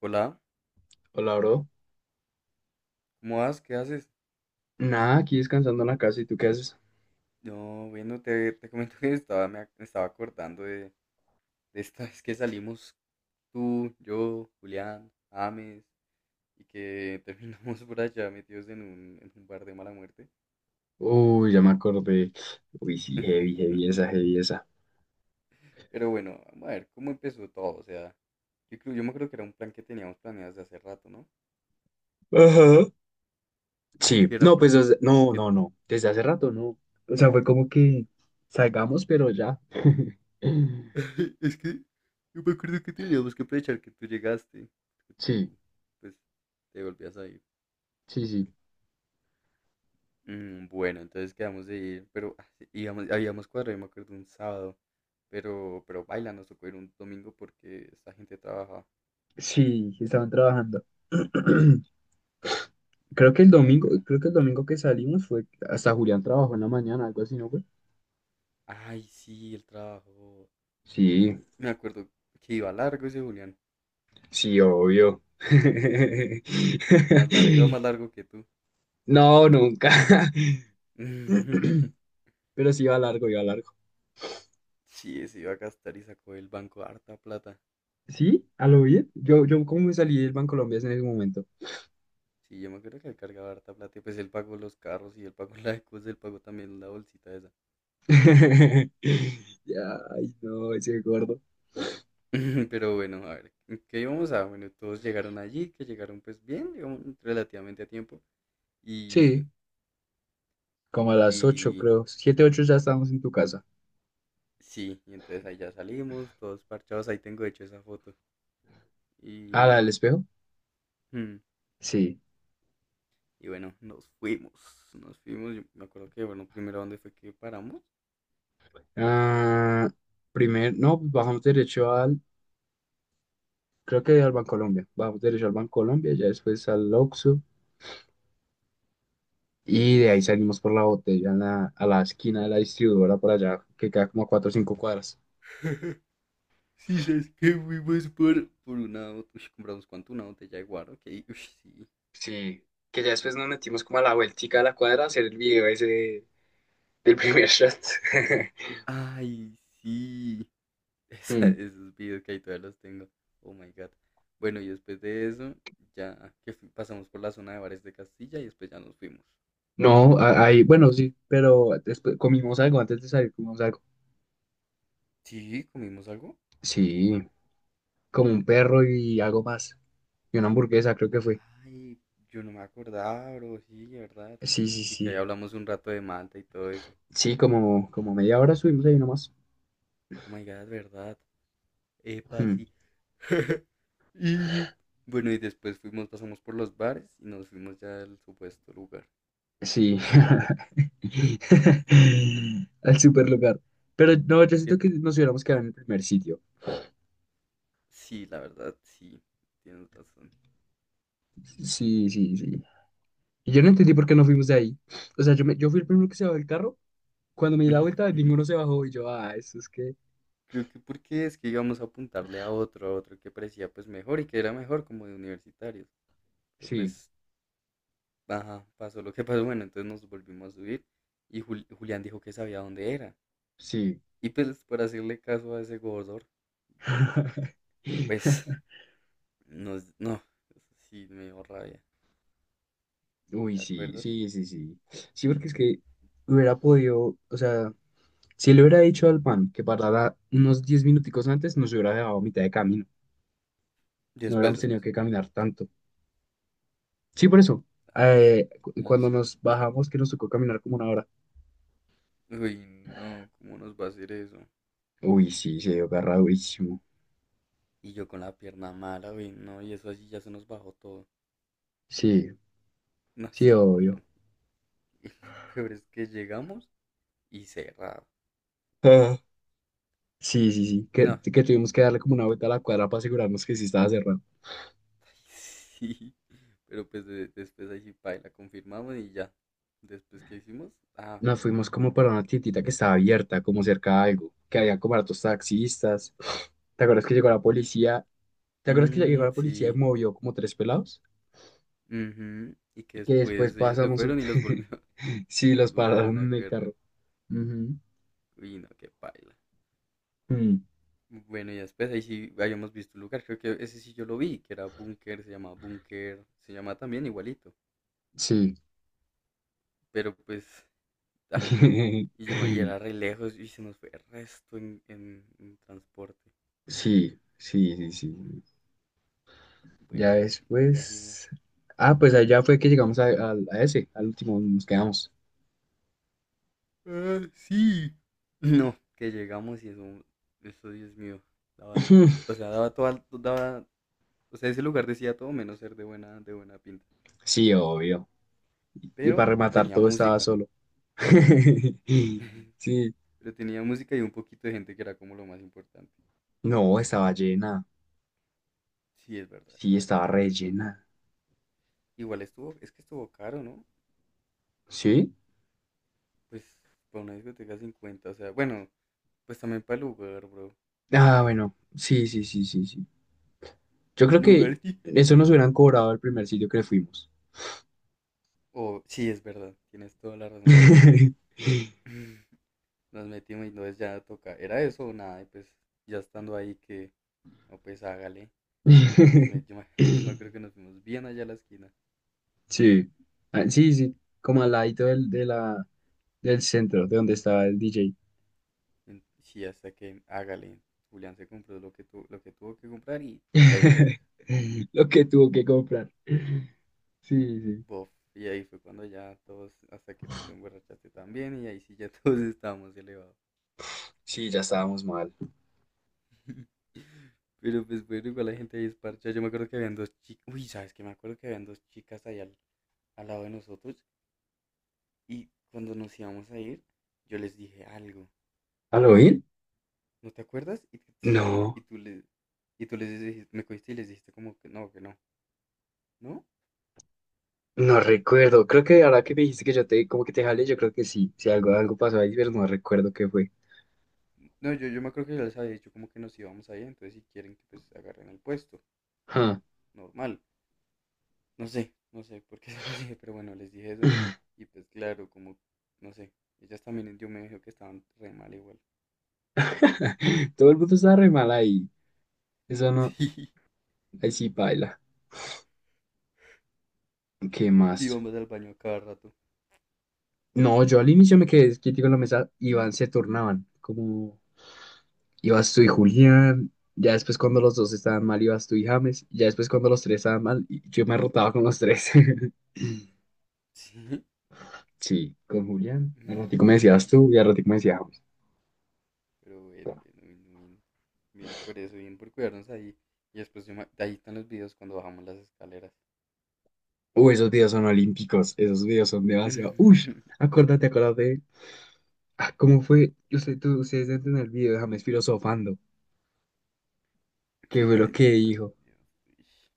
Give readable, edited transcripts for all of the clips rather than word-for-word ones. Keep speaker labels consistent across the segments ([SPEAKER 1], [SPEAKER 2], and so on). [SPEAKER 1] Hola,
[SPEAKER 2] Hola, bro.
[SPEAKER 1] ¿cómo vas? ¿Qué haces?
[SPEAKER 2] Nada, aquí descansando en la casa. ¿Y tú qué haces?
[SPEAKER 1] No, bueno, te comento que estaba, me estaba acordando de esta vez que salimos tú, yo, Julián, Ames, y que terminamos por allá metidos en un bar de mala muerte.
[SPEAKER 2] Uy, ya me acordé. Uy, sí, heavy, heavy esa, heavy esa.
[SPEAKER 1] Pero bueno, vamos a ver cómo empezó todo. O sea, yo me acuerdo que era un plan que teníamos planeado desde hace rato, ¿no?
[SPEAKER 2] Ajá.
[SPEAKER 1] Que
[SPEAKER 2] Sí,
[SPEAKER 1] era
[SPEAKER 2] no, no,
[SPEAKER 1] porque,
[SPEAKER 2] no, no. Desde hace rato, no. O sea, fue como que salgamos, pero ya.
[SPEAKER 1] es que yo me acuerdo que teníamos que aprovechar que tú llegaste, que
[SPEAKER 2] Sí,
[SPEAKER 1] tú, pues, te volvías a ir.
[SPEAKER 2] sí, sí.
[SPEAKER 1] Bueno, entonces quedamos de ir, pero ah, sí, íbamos, habíamos cuadrado, yo me acuerdo, un sábado, pero, nos tocó ir un domingo porque esta gente trabaja.
[SPEAKER 2] Sí, estaban trabajando. Creo
[SPEAKER 1] No,
[SPEAKER 2] que el domingo,
[SPEAKER 1] cagada.
[SPEAKER 2] creo que el domingo que salimos fue hasta Julián trabajó en la mañana, algo así, ¿no fue?
[SPEAKER 1] Ay, sí, el trabajo.
[SPEAKER 2] Sí,
[SPEAKER 1] Me acuerdo que iba largo ese Julián,
[SPEAKER 2] sí, obvio.
[SPEAKER 1] más largo, iba más largo que tú.
[SPEAKER 2] No, nunca. Pero sí iba largo, iba largo.
[SPEAKER 1] Sí, se iba a gastar y sacó del banco harta plata.
[SPEAKER 2] Sí, a lo bien. Yo como me salí del Bancolombia es en ese momento.
[SPEAKER 1] Sí, yo me acuerdo que él cargaba harta plata y pues él pagó los carros y él pagó la cosa, él pagó también la bolsita esa.
[SPEAKER 2] Ya, ay, no, ese gordo.
[SPEAKER 1] Pero bueno, a ver, ¿en ¿qué íbamos a? Bueno, todos llegaron allí, que llegaron pues bien, digamos, relativamente a tiempo. Y,
[SPEAKER 2] Sí, como a las 8
[SPEAKER 1] y
[SPEAKER 2] creo. Siete 8 ya estábamos en tu casa.
[SPEAKER 1] sí, y entonces ahí ya salimos, todos parchados, ahí tengo de hecho esa foto.
[SPEAKER 2] ¿A la
[SPEAKER 1] Y,
[SPEAKER 2] del espejo?
[SPEAKER 1] mm,
[SPEAKER 2] Sí.
[SPEAKER 1] y bueno, nos fuimos, yo me acuerdo que, bueno, primero dónde fue que paramos.
[SPEAKER 2] Ah, primer, no, pues bajamos derecho al, creo que al Bancolombia. Bajamos derecho al Bancolombia, ya después al Oxxo. Y de ahí
[SPEAKER 1] Sí.
[SPEAKER 2] salimos por la botella en a la esquina de la distribuidora para allá, que queda como a 4 o 5 cuadras.
[SPEAKER 1] Sí, sabes que fuimos uy, compramos cuánto, una botella de guaro, ok, uy, sí.
[SPEAKER 2] Sí, que ya después nos metimos como a la vueltica de la cuadra a hacer el video ese del primer shot.
[SPEAKER 1] Ay, sí.
[SPEAKER 2] Mm,
[SPEAKER 1] Esos videos que ahí todavía los tengo. Oh my god. Bueno, y después de eso, ya que pasamos por la zona de bares de Castilla y después ya nos fuimos.
[SPEAKER 2] no, ahí, bueno, sí, pero después comimos algo antes de salir, comimos algo.
[SPEAKER 1] Sí, comimos algo.
[SPEAKER 2] Sí, como un perro y algo más. Y una hamburguesa, creo que fue.
[SPEAKER 1] Ay, yo no me acordaba, bro. Sí, verdad.
[SPEAKER 2] Sí, sí,
[SPEAKER 1] Y que ahí
[SPEAKER 2] sí.
[SPEAKER 1] hablamos un rato de Malta y todo eso.
[SPEAKER 2] Sí, como, como media hora subimos ahí nomás.
[SPEAKER 1] Oh my god, verdad. Epa,
[SPEAKER 2] Mm,
[SPEAKER 1] sí. Y bueno, y después fuimos, pasamos por los bares y nos fuimos ya al supuesto lugar.
[SPEAKER 2] sí. Al super lugar. Pero no, yo
[SPEAKER 1] Que
[SPEAKER 2] siento que nos hubiéramos quedado en el primer sitio.
[SPEAKER 1] sí, la verdad, sí, tienes razón.
[SPEAKER 2] Sí, sí, sí. Y yo no entendí por
[SPEAKER 1] Pero
[SPEAKER 2] qué
[SPEAKER 1] pues.
[SPEAKER 2] nos fuimos de ahí. O sea, yo fui el primero que se bajó del carro. Cuando me di la vuelta, ninguno se bajó. Y yo, ah, eso es que.
[SPEAKER 1] Creo que porque es que íbamos a apuntarle a otro que parecía pues mejor y que era mejor como de universitarios. Pero
[SPEAKER 2] Sí,
[SPEAKER 1] pues, ajá, pasó lo que pasó. Bueno, entonces nos volvimos a subir y Julián dijo que sabía dónde era.
[SPEAKER 2] sí.
[SPEAKER 1] Y pues por hacerle caso a ese gordor, pues nos, no, eso sí me dio rabia,
[SPEAKER 2] Uy,
[SPEAKER 1] ¿te
[SPEAKER 2] sí,
[SPEAKER 1] acuerdas?
[SPEAKER 2] sí, sí, sí. Sí, porque es que hubiera podido. O sea, si le hubiera dicho al pan que parara unos 10 minuticos antes, nos hubiera dejado a mitad de camino. No
[SPEAKER 1] Después,
[SPEAKER 2] hubiéramos tenido
[SPEAKER 1] después.
[SPEAKER 2] que caminar tanto. Sí, por eso.
[SPEAKER 1] Ay, sí, ay,
[SPEAKER 2] Cuando
[SPEAKER 1] sí.
[SPEAKER 2] nos bajamos, que nos tocó caminar como una hora.
[SPEAKER 1] Uy, no, ¿cómo nos va a hacer eso?
[SPEAKER 2] Uy, sí, se dio agarradísimo.
[SPEAKER 1] Y yo con la pierna mala, uy, no, y eso así ya se nos bajó todo.
[SPEAKER 2] Sí,
[SPEAKER 1] No
[SPEAKER 2] sí,
[SPEAKER 1] sé,
[SPEAKER 2] obvio.
[SPEAKER 1] Julián. Y lo peor es que llegamos y cerrado.
[SPEAKER 2] Sí, sí, sí, que,
[SPEAKER 1] No,
[SPEAKER 2] que tuvimos que darle como una vuelta a la cuadra para asegurarnos que sí estaba cerrado.
[SPEAKER 1] ay, sí. Pero pues después ahí sí, paila, la confirmamos y ya. Después que hicimos, ah,
[SPEAKER 2] Nos fuimos como para una tiendita que estaba abierta, como cerca de algo, que había como hartos taxistas. ¿Te acuerdas que llegó la policía? ¿Te acuerdas que llegó
[SPEAKER 1] mm,
[SPEAKER 2] la policía y
[SPEAKER 1] sí.
[SPEAKER 2] movió como tres pelados?
[SPEAKER 1] Ujú, y que
[SPEAKER 2] Que después
[SPEAKER 1] después ellos se
[SPEAKER 2] pasamos...
[SPEAKER 1] fueron y los volvió,
[SPEAKER 2] Sí, los
[SPEAKER 1] los volvieron a
[SPEAKER 2] pararon en el carro.
[SPEAKER 1] agarrar.
[SPEAKER 2] Ujú.
[SPEAKER 1] Uy, no, qué paila.
[SPEAKER 2] Mm,
[SPEAKER 1] Bueno, y después ahí sí habíamos visto un lugar, creo que ese sí yo lo vi, que era Búnker, se llama también igualito.
[SPEAKER 2] sí.
[SPEAKER 1] Pero pues, ah, y, y era re lejos y se nos fue el resto en transporte.
[SPEAKER 2] Sí, sí, sí,
[SPEAKER 1] Mm,
[SPEAKER 2] sí. Ya
[SPEAKER 1] Bueno, y cogimos.
[SPEAKER 2] después... Ah, pues allá fue que llegamos a ese, al último, nos quedamos.
[SPEAKER 1] Ah, sí. No, que llegamos y eso, Dios mío, daba, o sea, daba toda, daba, o sea, ese lugar decía todo menos ser de buena pinta.
[SPEAKER 2] Sí, obvio. Y
[SPEAKER 1] Pero
[SPEAKER 2] para rematar,
[SPEAKER 1] tenía
[SPEAKER 2] todo estaba
[SPEAKER 1] música,
[SPEAKER 2] solo. Sí,
[SPEAKER 1] pero tenía música y un poquito de gente que era como lo más importante.
[SPEAKER 2] no, estaba llena.
[SPEAKER 1] Sí, es verdad,
[SPEAKER 2] Sí,
[SPEAKER 1] estaba
[SPEAKER 2] estaba
[SPEAKER 1] llenito,
[SPEAKER 2] re
[SPEAKER 1] entonces,
[SPEAKER 2] llena.
[SPEAKER 1] igual estuvo, es que estuvo caro, ¿no?
[SPEAKER 2] ¿Sí?
[SPEAKER 1] Pues, para una discoteca 50, o sea, bueno, pues también para el lugar, bro,
[SPEAKER 2] Ah, bueno, sí, sí, sí, sí, sí. Yo
[SPEAKER 1] para
[SPEAKER 2] creo
[SPEAKER 1] el
[SPEAKER 2] que
[SPEAKER 1] lugar, sí.
[SPEAKER 2] eso nos hubieran cobrado el primer sitio que fuimos.
[SPEAKER 1] O, sí, es verdad, tienes toda la razón, pero bueno. Nos metimos y entonces ya toca, era eso o nada, y pues ya estando ahí que, no pues hágale, nos met- yo, me, yo me acuerdo que nos fuimos bien allá a la esquina,
[SPEAKER 2] Sí, ah, sí, sí, como al ladito del centro, de donde estaba el DJ.
[SPEAKER 1] sí, hasta que hágale, Julián se compró lo que, tu, lo que tuvo que comprar y pégale a eso,
[SPEAKER 2] Lo que tuvo que comprar. Sí, sí.
[SPEAKER 1] bof, y ahí fue cuando ya todos, hasta que tú te emborrachaste también y ahí sí ya todos estábamos elevados.
[SPEAKER 2] Sí, ya estábamos mal.
[SPEAKER 1] Pero pues bueno, igual la gente ahí es parcha. Yo me acuerdo que habían dos chicas. Uy, ¿sabes qué? Me acuerdo que habían dos chicas ahí al lado de nosotros. Y cuando nos íbamos a ir, yo les dije algo.
[SPEAKER 2] ¿Al oír?
[SPEAKER 1] ¿No te acuerdas? Y
[SPEAKER 2] No.
[SPEAKER 1] y tú les dijiste, me cogiste y les dijiste como que no, ¿no?
[SPEAKER 2] No recuerdo, creo que ahora que me dijiste que yo te como que te jalé, yo creo que sí, si algo, algo pasó ahí, pero no recuerdo qué fue.
[SPEAKER 1] No, yo me acuerdo que yo les había dicho como que nos íbamos a ir, entonces si quieren que pues agarren el puesto,
[SPEAKER 2] Ja.
[SPEAKER 1] normal. No sé, no sé por qué se los dije, pero bueno, les dije eso. Y pues claro, como, no sé, ellas también yo me dijo que estaban re mal igual.
[SPEAKER 2] Todo el mundo estaba re mal ahí. Eso no, ahí sí baila. ¿Qué
[SPEAKER 1] Sí, que
[SPEAKER 2] más?
[SPEAKER 1] íbamos al baño a cada rato.
[SPEAKER 2] No, yo al inicio me quedé quietico en la mesa, iban, se turnaban, como ibas tú y Julián, ya después cuando los dos estaban mal ibas tú y James, ya después cuando los tres estaban mal, y yo me rotaba con los tres.
[SPEAKER 1] Sí.
[SPEAKER 2] Sí, con Julián, al ratico me decías tú y al ratico me decía.
[SPEAKER 1] Pero bueno, bueno, bueno, bien. Bien por eso, bien por cuidarnos ahí. Y después ahí están los videos cuando bajamos las escaleras.
[SPEAKER 2] Uy, esos días son olímpicos, esos días son demasiado. Uy, acuérdate, acuérdate. Ah, ¿cómo fue? Ustedes dentro en el video, déjame es filosofando. ¿Qué
[SPEAKER 1] Sí,
[SPEAKER 2] fue
[SPEAKER 1] por
[SPEAKER 2] lo
[SPEAKER 1] ahí
[SPEAKER 2] que
[SPEAKER 1] deben estar
[SPEAKER 2] dijo?
[SPEAKER 1] esos videos. Uish.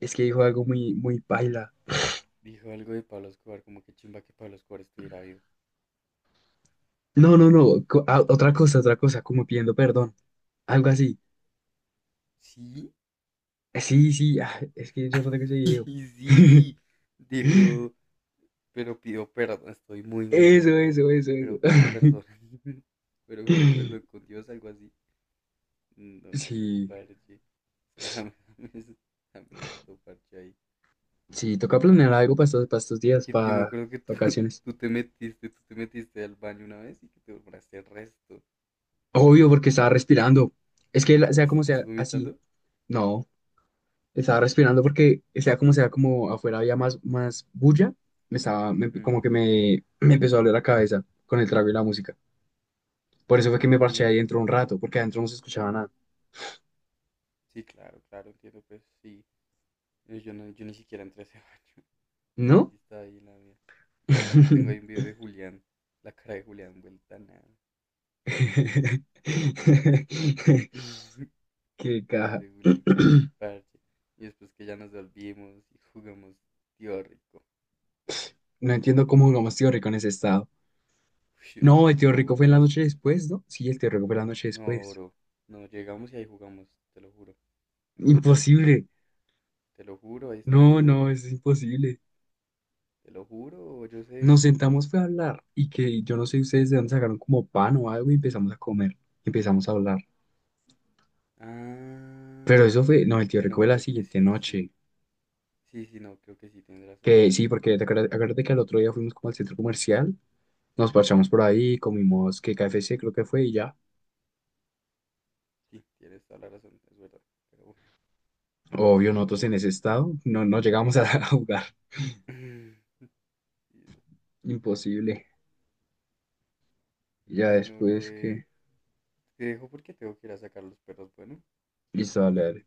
[SPEAKER 2] Es que dijo algo muy, muy paila.
[SPEAKER 1] Dijo algo de Pablo Escobar, como que chimba que Pablo Escobar estuviera vivo.
[SPEAKER 2] No, no, no. Ah, otra cosa, como pidiendo perdón. Algo así.
[SPEAKER 1] Sí,
[SPEAKER 2] Sí, sí, ah, es que yo no tengo ese video.
[SPEAKER 1] sí. Dijo, pero pidió perdón. Estoy muy, muy
[SPEAKER 2] Eso,
[SPEAKER 1] llevado,
[SPEAKER 2] eso, eso, eso.
[SPEAKER 1] pero pidió perdón. Pero me perdón con Dios, algo así. No, qué
[SPEAKER 2] Sí.
[SPEAKER 1] parche. Es que jamás, jamás, jamás, harto parche ahí.
[SPEAKER 2] Sí, toca planear algo para estos
[SPEAKER 1] Y
[SPEAKER 2] días,
[SPEAKER 1] que yo me
[SPEAKER 2] para
[SPEAKER 1] acuerdo que tú,
[SPEAKER 2] vacaciones.
[SPEAKER 1] tú te metiste al baño una vez y que te borraste el resto.
[SPEAKER 2] Obvio, porque estaba respirando. Es que sea como
[SPEAKER 1] ¿Estás
[SPEAKER 2] sea, así.
[SPEAKER 1] vomitando?
[SPEAKER 2] No, estaba respirando porque sea, como afuera había más, más bulla, me estaba, me-
[SPEAKER 1] Mm,
[SPEAKER 2] como que me empezó a doler la cabeza con el trago y la música. Por eso fue que me parché ahí dentro un
[SPEAKER 1] sí,
[SPEAKER 2] rato, porque adentro no se escuchaba nada.
[SPEAKER 1] sí, claro, claro, entiendo, pues sí. Yo, no, yo ni siquiera entré a ese baño. Yo
[SPEAKER 2] ¿No?
[SPEAKER 1] sí estaba ahí en la mía. No, también tengo ahí un video de Julián, la cara de Julián vuelta a nada.
[SPEAKER 2] Qué caja.
[SPEAKER 1] Ese Julián, qué parche. Y después que ya nos volvimos y jugamos tío rico.
[SPEAKER 2] No entiendo cómo jugamos tío rico en ese estado.
[SPEAKER 1] Uy, yo
[SPEAKER 2] No, el tío rico
[SPEAKER 1] tampoco,
[SPEAKER 2] fue en la
[SPEAKER 1] pero
[SPEAKER 2] noche después, ¿no? Sí, el tío rico fue la noche
[SPEAKER 1] no,
[SPEAKER 2] después.
[SPEAKER 1] bro. No, llegamos y ahí jugamos, te lo juro.
[SPEAKER 2] Imposible.
[SPEAKER 1] Te lo juro, ahí está el
[SPEAKER 2] No,
[SPEAKER 1] video.
[SPEAKER 2] no, es imposible.
[SPEAKER 1] Te lo juro, yo sé.
[SPEAKER 2] Nos sentamos fue a hablar y que yo no sé ustedes de dónde sacaron como pan o algo y empezamos a comer, empezamos a hablar.
[SPEAKER 1] Ah,
[SPEAKER 2] Pero eso fue, no, el tío
[SPEAKER 1] bueno,
[SPEAKER 2] recuerdo la
[SPEAKER 1] creo que
[SPEAKER 2] siguiente
[SPEAKER 1] sí, sí.
[SPEAKER 2] noche,
[SPEAKER 1] Sí, sí, no, creo que sí, tienes razón,
[SPEAKER 2] que
[SPEAKER 1] tienes
[SPEAKER 2] sí,
[SPEAKER 1] razón,
[SPEAKER 2] porque
[SPEAKER 1] tienes toda la razón.
[SPEAKER 2] acuérdate que al otro día fuimos como al centro comercial, nos parchamos por ahí, comimos que KFC creo que fue y ya.
[SPEAKER 1] Sí, tienes toda la razón, es verdad. Pero bueno,
[SPEAKER 2] Obvio,
[SPEAKER 1] bueno,
[SPEAKER 2] nosotros
[SPEAKER 1] bro.
[SPEAKER 2] en ese estado no, no llegamos a, a jugar,
[SPEAKER 1] Sí,
[SPEAKER 2] imposible. Ya
[SPEAKER 1] bueno, bro,
[SPEAKER 2] después que,
[SPEAKER 1] te dejo porque tengo que ir a sacar los perros, bueno.
[SPEAKER 2] listo, dale, dale.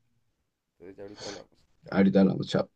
[SPEAKER 1] Entonces ya ahorita hablamos. Chao.
[SPEAKER 2] Ahorita hablamos, chao.